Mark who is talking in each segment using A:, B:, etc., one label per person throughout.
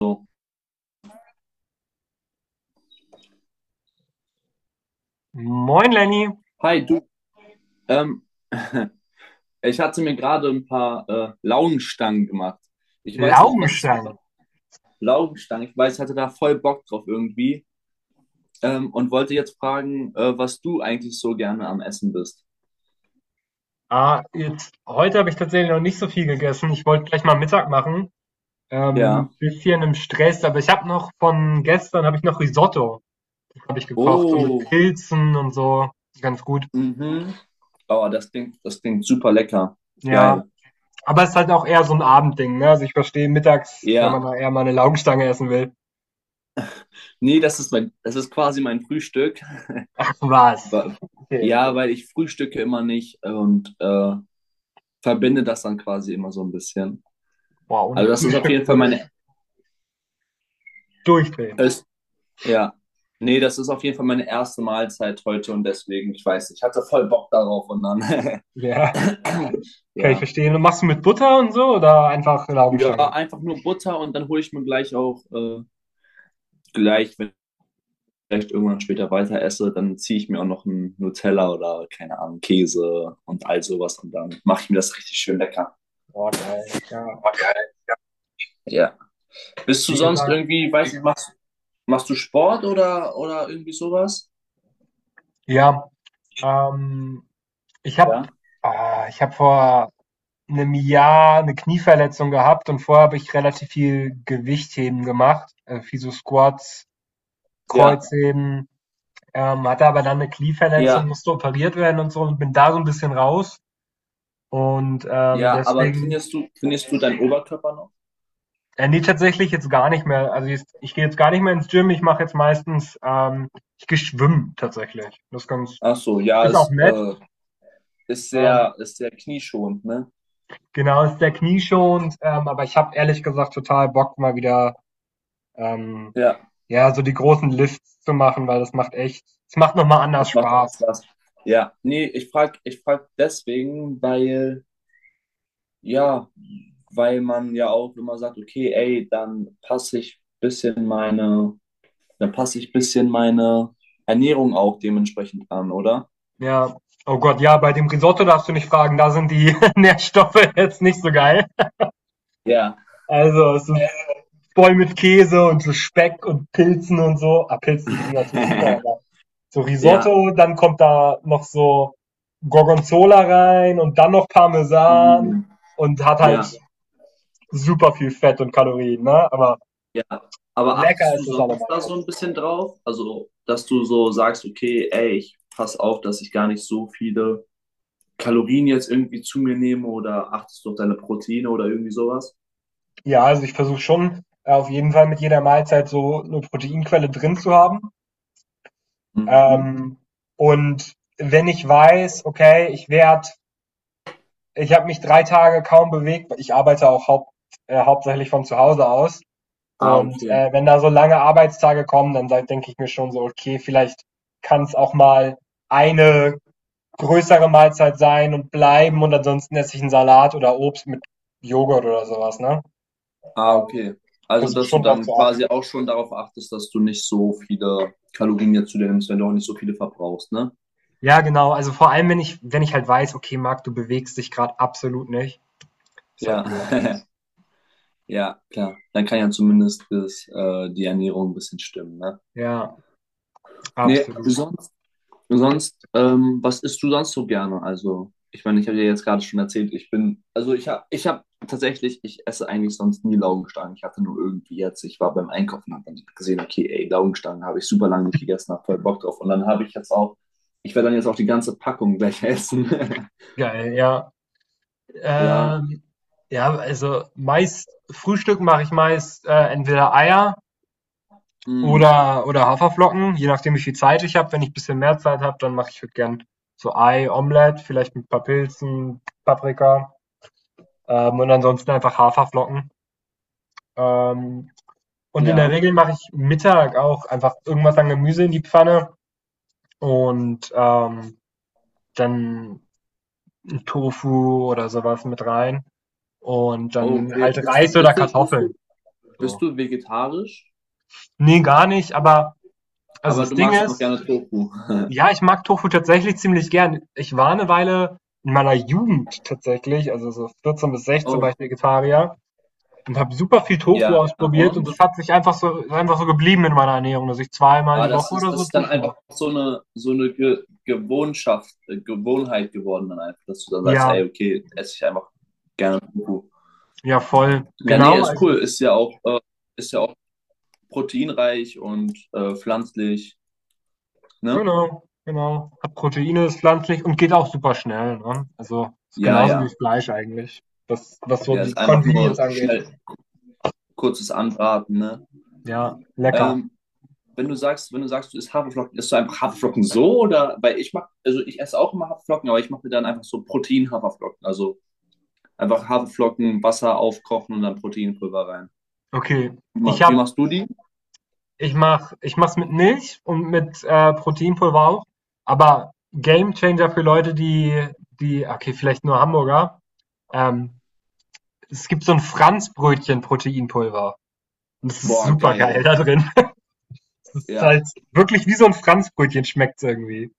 A: So.
B: Moin Lenny,
A: Hi, du, ähm, ich hatte mir gerade ein paar Laugenstangen gemacht. Ich weiß nicht, was ist
B: Laugenstangen.
A: über Laugenstangen? Ich weiß, ich hatte da voll Bock drauf irgendwie und wollte jetzt fragen, was du eigentlich so gerne am Essen bist.
B: Ah, jetzt, heute habe ich tatsächlich noch nicht so viel gegessen. Ich wollte gleich mal Mittag machen.
A: Ja.
B: Bisschen im Stress, aber ich habe noch von gestern habe ich noch Risotto, habe ich gekocht, so mit
A: Oh,
B: Pilzen und so. Ganz gut.
A: mhm. Oh, das klingt super lecker.
B: Ja,
A: Geil.
B: aber es ist halt auch eher so ein Abendding, ne? Also ich verstehe mittags, wenn man
A: Ja.
B: da eher mal eine Laugenstange essen will.
A: Nee, das ist quasi mein Frühstück.
B: Ach was?
A: Wa-
B: Okay,
A: Ja,
B: okay.
A: weil ich frühstücke immer nicht und verbinde das dann quasi immer so ein bisschen.
B: Boah, ohne
A: Also das ist auf
B: Frühstück
A: jeden Fall
B: würde ich
A: meine,
B: durchdrehen.
A: es- Ja, nee, das ist auf jeden Fall meine erste Mahlzeit heute und deswegen, ich weiß, nicht, ich hatte voll Bock darauf und dann,
B: Ja, kann ich
A: ja,
B: verstehen. Und machst du mit Butter und so oder einfach eine
A: ja,
B: Laugenstange?
A: einfach nur Butter und dann hole ich mir gleich auch wenn ich vielleicht irgendwann später weiter esse, dann ziehe ich mir auch noch einen Nutella oder keine Ahnung Käse und all sowas und dann mache ich mir das richtig schön lecker.
B: Boah, geil. Ja.
A: Okay. Ja. Bist du
B: Wie
A: sonst
B: gesagt,
A: irgendwie, weiß nicht, machst du Sport oder irgendwie sowas?
B: ja, ähm, ich habe
A: Ja.
B: ich habe vor 'nem Jahr eine Knieverletzung gehabt, und vorher habe ich relativ viel Gewichtheben gemacht, viel so Squats,
A: Ja,
B: Kreuzheben, hatte aber dann eine Knieverletzung,
A: ja.
B: musste operiert werden und so und bin da so ein bisschen raus und,
A: Ja, aber
B: deswegen
A: trainierst du deinen Oberkörper noch?
B: ne, tatsächlich jetzt gar nicht mehr. Also, jetzt ich gehe jetzt gar nicht mehr ins Gym. Ich mache jetzt meistens, ich gehe schwimmen tatsächlich. Das ist ganz,
A: Ach so, ja,
B: ist auch nett,
A: ist
B: ähm
A: sehr, ist sehr knieschonend, ne?
B: genau, ist sehr knieschonend, aber ich habe ehrlich gesagt total Bock, mal wieder ähm,
A: Ja,
B: ja, so die großen Lifts zu machen, weil das macht echt, es macht nochmal
A: das
B: anders
A: macht echt
B: Spaß.
A: Spaß. Ja, nee, ich frag deswegen, weil, ja, weil man ja auch immer sagt, okay, ey, dann passe ich bisschen meine Ernährung auch dementsprechend an, oder?
B: Ja. Oh Gott, ja, bei dem Risotto darfst du nicht fragen, da sind die Nährstoffe jetzt nicht so geil.
A: Ja.
B: Also es ist voll mit Käse und so Speck und Pilzen und so. Ah, Pilzen sind natürlich super, aber so
A: Ja.
B: Risotto, dann kommt da noch so Gorgonzola rein und dann noch Parmesan
A: Mm,
B: und hat halt
A: ja.
B: super viel Fett und Kalorien, ne? Aber
A: Ja, aber
B: lecker
A: achtest du
B: ist es
A: sonst
B: allemal
A: da so ein
B: trotzdem.
A: bisschen drauf? Also, dass du so sagst, okay, ey, ich pass auf, dass ich gar nicht so viele Kalorien jetzt irgendwie zu mir nehme oder achtest du auf deine Proteine oder irgendwie sowas?
B: Ja, also ich versuche schon auf jeden Fall mit jeder Mahlzeit so eine Proteinquelle drin zu haben.
A: Mhm.
B: Ähm, und wenn ich weiß, okay, ich habe mich 3 Tage kaum bewegt, ich arbeite auch hauptsächlich von zu Hause aus.
A: Ah,
B: Und
A: okay.
B: wenn da so lange Arbeitstage kommen, dann denke ich mir schon so, okay, vielleicht kann es auch mal eine größere Mahlzeit sein und bleiben, und ansonsten esse ich 'n Salat oder Obst mit Joghurt oder sowas, ne?
A: Ah, okay.
B: Ähm,
A: Also,
B: Versuche
A: dass du
B: schon drauf
A: dann
B: zu
A: quasi
B: achten.
A: auch schon darauf achtest, dass du nicht so viele Kalorien jetzt zu dir nimmst, wenn du auch nicht so viele verbrauchst, ne?
B: Ja, genau. Also, vor allem, wenn ich halt weiß: „Okay, Marc, du bewegst dich gerade absolut nicht.“ Ist halt
A: Ja,
B: blöd.
A: ja, klar. Dann kann ja zumindest das, die Ernährung ein bisschen stimmen, ne?
B: Ja,
A: Nee,
B: absolut.
A: sonst Sonst, was isst du sonst so gerne? Also, ich meine, ich habe dir jetzt gerade schon erzählt, ich bin, also ich habe tatsächlich, ich esse eigentlich sonst nie Laugenstangen. Ich hatte nur irgendwie jetzt, ich war beim Einkaufen und habe dann gesehen, okay, ey, Laugenstangen habe ich super lange nicht gegessen, habe voll Bock drauf. Und dann habe ich jetzt auch, ich werde dann jetzt auch die ganze Packung gleich essen.
B: Geil, ja.
A: Ja,
B: Ähm, ja, also, meist Frühstück mache ich meist, entweder Eier
A: mm,
B: oder Haferflocken, je nachdem, wie viel Zeit ich habe. Wenn ich ein bisschen mehr Zeit habe, dann mache ich halt gern so Ei, Omelette, vielleicht mit ein paar Pilzen, Paprika. Und ansonsten einfach Haferflocken. Ähm, und in der
A: ja.
B: Regel mache ich Mittag auch einfach irgendwas an Gemüse in die Pfanne und dann ein Tofu oder sowas mit rein. Und
A: Oh,
B: dann
A: okay,
B: halt Reis oder Kartoffeln.
A: bist
B: So.
A: du vegetarisch?
B: Nee, gar nicht, aber also
A: Aber
B: das
A: du
B: Ding
A: magst einfach
B: ist,
A: gerne Tofu.
B: ja, ich mag Tofu tatsächlich ziemlich gern. Ich war eine Weile in meiner Jugend tatsächlich, also so 14 bis 16 war ich
A: Oh,
B: Vegetarier. Und habe super viel Tofu
A: ja,
B: ausprobiert, und
A: und?
B: das hat sich einfach so, ist einfach so geblieben in meiner Ernährung, dass ich zweimal
A: Aber
B: die Woche oder
A: das
B: so
A: ist dann
B: Tofu
A: einfach
B: mache.
A: so eine Ge Gewohnschaft, Gewohnheit geworden dann einfach, dass du dann sagst, ey,
B: Ja,
A: okay, esse ich einfach gerne Tofu.
B: ja, voll.
A: Ja, nee,
B: Genau,
A: ist
B: also
A: cool. Ist ja auch proteinreich und pflanzlich, ne?
B: genau, genau. Hat Proteine, ist pflanzlich und geht auch super schnell, ne? Also, ist
A: Ja,
B: genauso wie
A: ja.
B: Fleisch eigentlich, was so
A: Ja, ist
B: die
A: einfach
B: Convenience
A: nur
B: angeht.
A: schnell kurzes Anbraten, ne?
B: Ja, lecker.
A: Ähm, wenn du sagst, du isst Haferflocken, isst du einfach Haferflocken so oder? Weil ich mach, also ich esse auch immer Haferflocken, aber ich mache mir dann einfach so Protein-Haferflocken. Einfach Haferflocken, Wasser aufkochen und dann Proteinpulver rein.
B: Okay, ich
A: Wie
B: habe
A: machst du die?
B: ich mache es mit Milch und mit Proteinpulver auch, aber Gamechanger für Leute, die okay, vielleicht nur Hamburger, ähm es gibt so ein Franzbrötchen-Proteinpulver. Und das ist
A: Boah,
B: supergeil
A: geil.
B: da drin. Es ist
A: Ja.
B: halt wirklich, wie so ein Franzbrötchen schmeckt es irgendwie.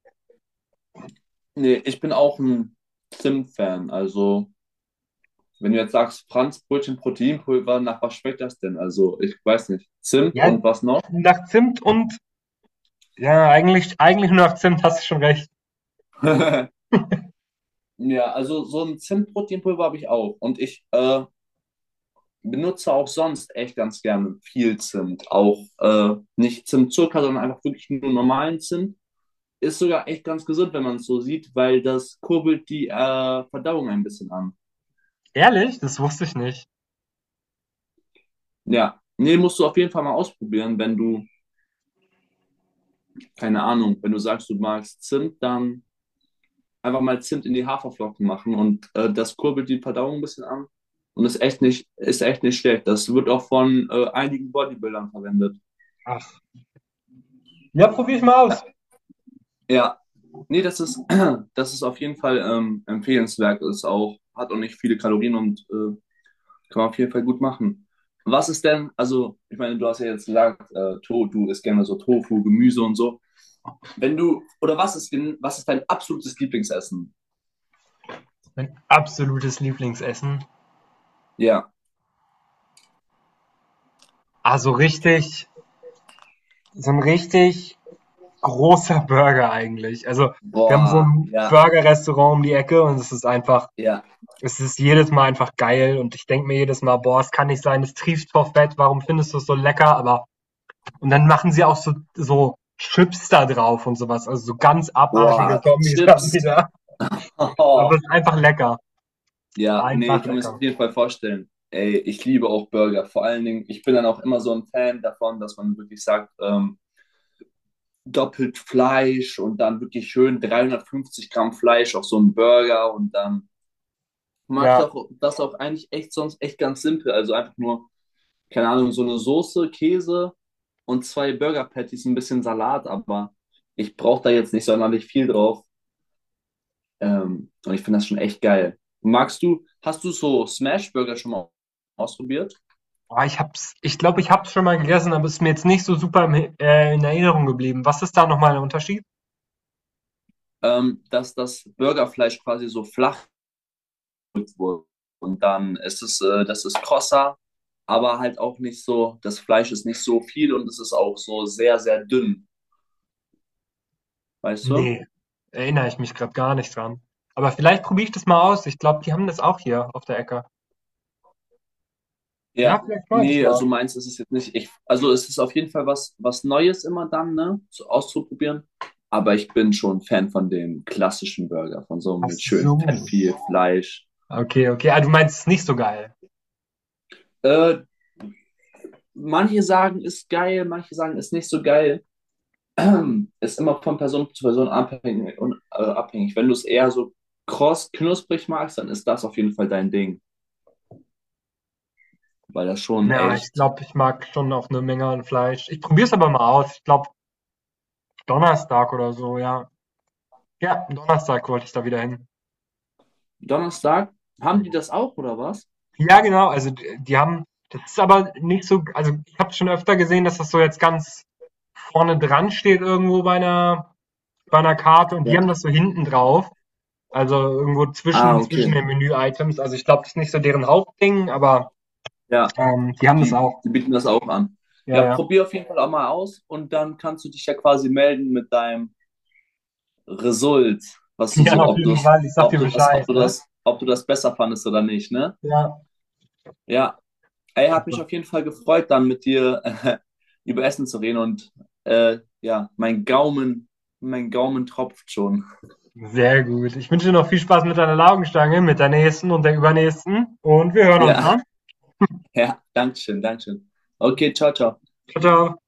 A: Nee, ich bin auch ein Zimt-Fan. Also, wenn du jetzt sagst, Franz Brötchen Proteinpulver, nach was schmeckt das denn? Also, ich weiß nicht. Zimt
B: Ja,
A: und was noch?
B: nach Zimt und, ja, eigentlich nur nach Zimt, hast du schon recht.
A: Ja, also so ein Zimt-Proteinpulver habe ich auch. Und ich benutze auch sonst echt ganz gerne viel Zimt. Auch nicht Zimtzucker, sondern einfach wirklich nur normalen Zimt. Ist sogar echt ganz gesund, wenn man es so sieht, weil das kurbelt die Verdauung ein bisschen an.
B: Ehrlich? Das wusste ich nicht.
A: Ja. Nee, musst du auf jeden Fall mal ausprobieren, wenn du, keine Ahnung, wenn du sagst, du magst Zimt, dann einfach mal Zimt in die Haferflocken machen und das kurbelt die Verdauung ein bisschen an und ist echt nicht schlecht. Das wird auch von einigen Bodybuildern verwendet.
B: Ach. Ja, probier ich mal aus.
A: Ja, ja. Nee, das ist, das ist auf jeden Fall empfehlenswert. Ist auch, hat auch nicht viele Kalorien und kann man auf jeden Fall gut machen. Was ist denn, also, ich meine, du hast ja jetzt gesagt, du isst gerne so Tofu, Gemüse und so. Wenn du, oder was ist, denn? Was ist dein absolutes Lieblingsessen?
B: Mein absolutes Lieblingsessen.
A: Ja.
B: Also richtig, so ein richtig großer Burger eigentlich. Also, wir haben so
A: Boah,
B: ein
A: ja,
B: Burger-Restaurant um die Ecke und es ist einfach
A: ja.
B: Es ist jedes Mal einfach geil, und ich denke mir jedes Mal, boah, es kann nicht sein, es trieft vor Fett, warum findest du es so lecker? Und dann machen sie auch so, Chips da drauf und sowas, also so ganz abartige
A: Boah,
B: Kombis haben
A: Chips.
B: die da.
A: Oh.
B: Aber es ist einfach lecker.
A: Ja, nee,
B: Einfach
A: ich kann mir das auf
B: lecker.
A: jeden Fall vorstellen. Ey, ich liebe auch Burger. Vor allen Dingen, ich bin dann auch immer so ein Fan davon, dass man wirklich sagt, doppelt Fleisch und dann wirklich schön 350 Gramm Fleisch auf so einen Burger und dann mache ich
B: Ja.
A: auch das auch eigentlich echt sonst echt ganz simpel. Also einfach nur, keine Ahnung, so eine Soße, Käse und zwei Burger Patties, ein bisschen Salat, aber ich brauche da jetzt nicht sonderlich viel drauf. Und ich finde das schon echt geil. Hast du so Smash Burger schon mal ausprobiert?
B: Ah, ich glaube, ich hab's schon mal gegessen, aber es ist mir jetzt nicht so super in Erinnerung geblieben. Was ist da nochmal der Unterschied?
A: Dass das Burgerfleisch quasi so flach gedrückt wurde. Und dann ist es, das ist krosser, aber halt auch nicht so, das Fleisch ist nicht so viel und es ist auch so sehr, sehr dünn. Weißt du?
B: Nee, erinnere ich mich gerade gar nicht dran. Aber vielleicht probiere ich das mal aus. Ich glaube, die haben das auch hier auf der Ecke. Ja,
A: Ja,
B: vielleicht mache ich das
A: nee, also
B: mal.
A: meins ist es jetzt nicht. Ich, also es ist auf jeden Fall was, was Neues immer dann, ne, so auszuprobieren. Aber ich bin schon Fan von dem klassischen Burger, von so einem
B: Ach
A: mit schön fett
B: so.
A: viel Fleisch.
B: Okay, okay. Ah, du meinst es nicht so geil.
A: Äh, manche sagen, ist geil, manche sagen, ist nicht so geil. Ist immer von Person zu Person abhängig, Wenn du es eher so kross, knusprig magst, dann ist das auf jeden Fall dein Ding. Weil das schon
B: Na, ich
A: echt.
B: glaube, ich mag schon auch eine Menge an Fleisch. Ich probiere es aber mal aus. Ich glaube, Donnerstag oder so, ja. Ja, Donnerstag wollte ich da wieder hin.
A: Donnerstag, haben die
B: Mhm.
A: das auch oder was?
B: Ja, genau, also d die haben, das ist aber nicht so, also, ich habe schon öfter gesehen, dass das so jetzt ganz vorne dran steht irgendwo bei einer Karte, und die haben
A: Ja.
B: das so hinten drauf, also, irgendwo
A: Ah,
B: zwischen
A: okay.
B: den Menü-Items. Also, ich glaube, das ist nicht so deren Hauptding, aber,
A: Ja.
B: die haben das
A: Die,
B: auch.
A: die bieten das auch an.
B: Ja,
A: Ja,
B: ja.
A: probier auf jeden Fall auch mal aus und dann kannst du dich ja quasi melden mit deinem Result, was du
B: Ja,
A: so,
B: auf
A: ob du,
B: jeden Fall. Ich sag
A: ob
B: dir
A: du das,
B: Bescheid,
A: ob du
B: ne?
A: das, ob du das besser fandest oder nicht, ne?
B: Ja.
A: Ja, ey, hat
B: Super.
A: mich auf jeden Fall gefreut, dann mit dir über Essen zu reden und ja, mein Gaumen tropft schon.
B: Sehr gut. Ich wünsche dir noch viel Spaß mit deiner Laugenstange, mit der nächsten und der übernächsten. Und wir hören uns,
A: Ja,
B: ne?
A: ja, Dankeschön, Dankeschön. Okay, ciao, ciao.
B: Ciao, ciao.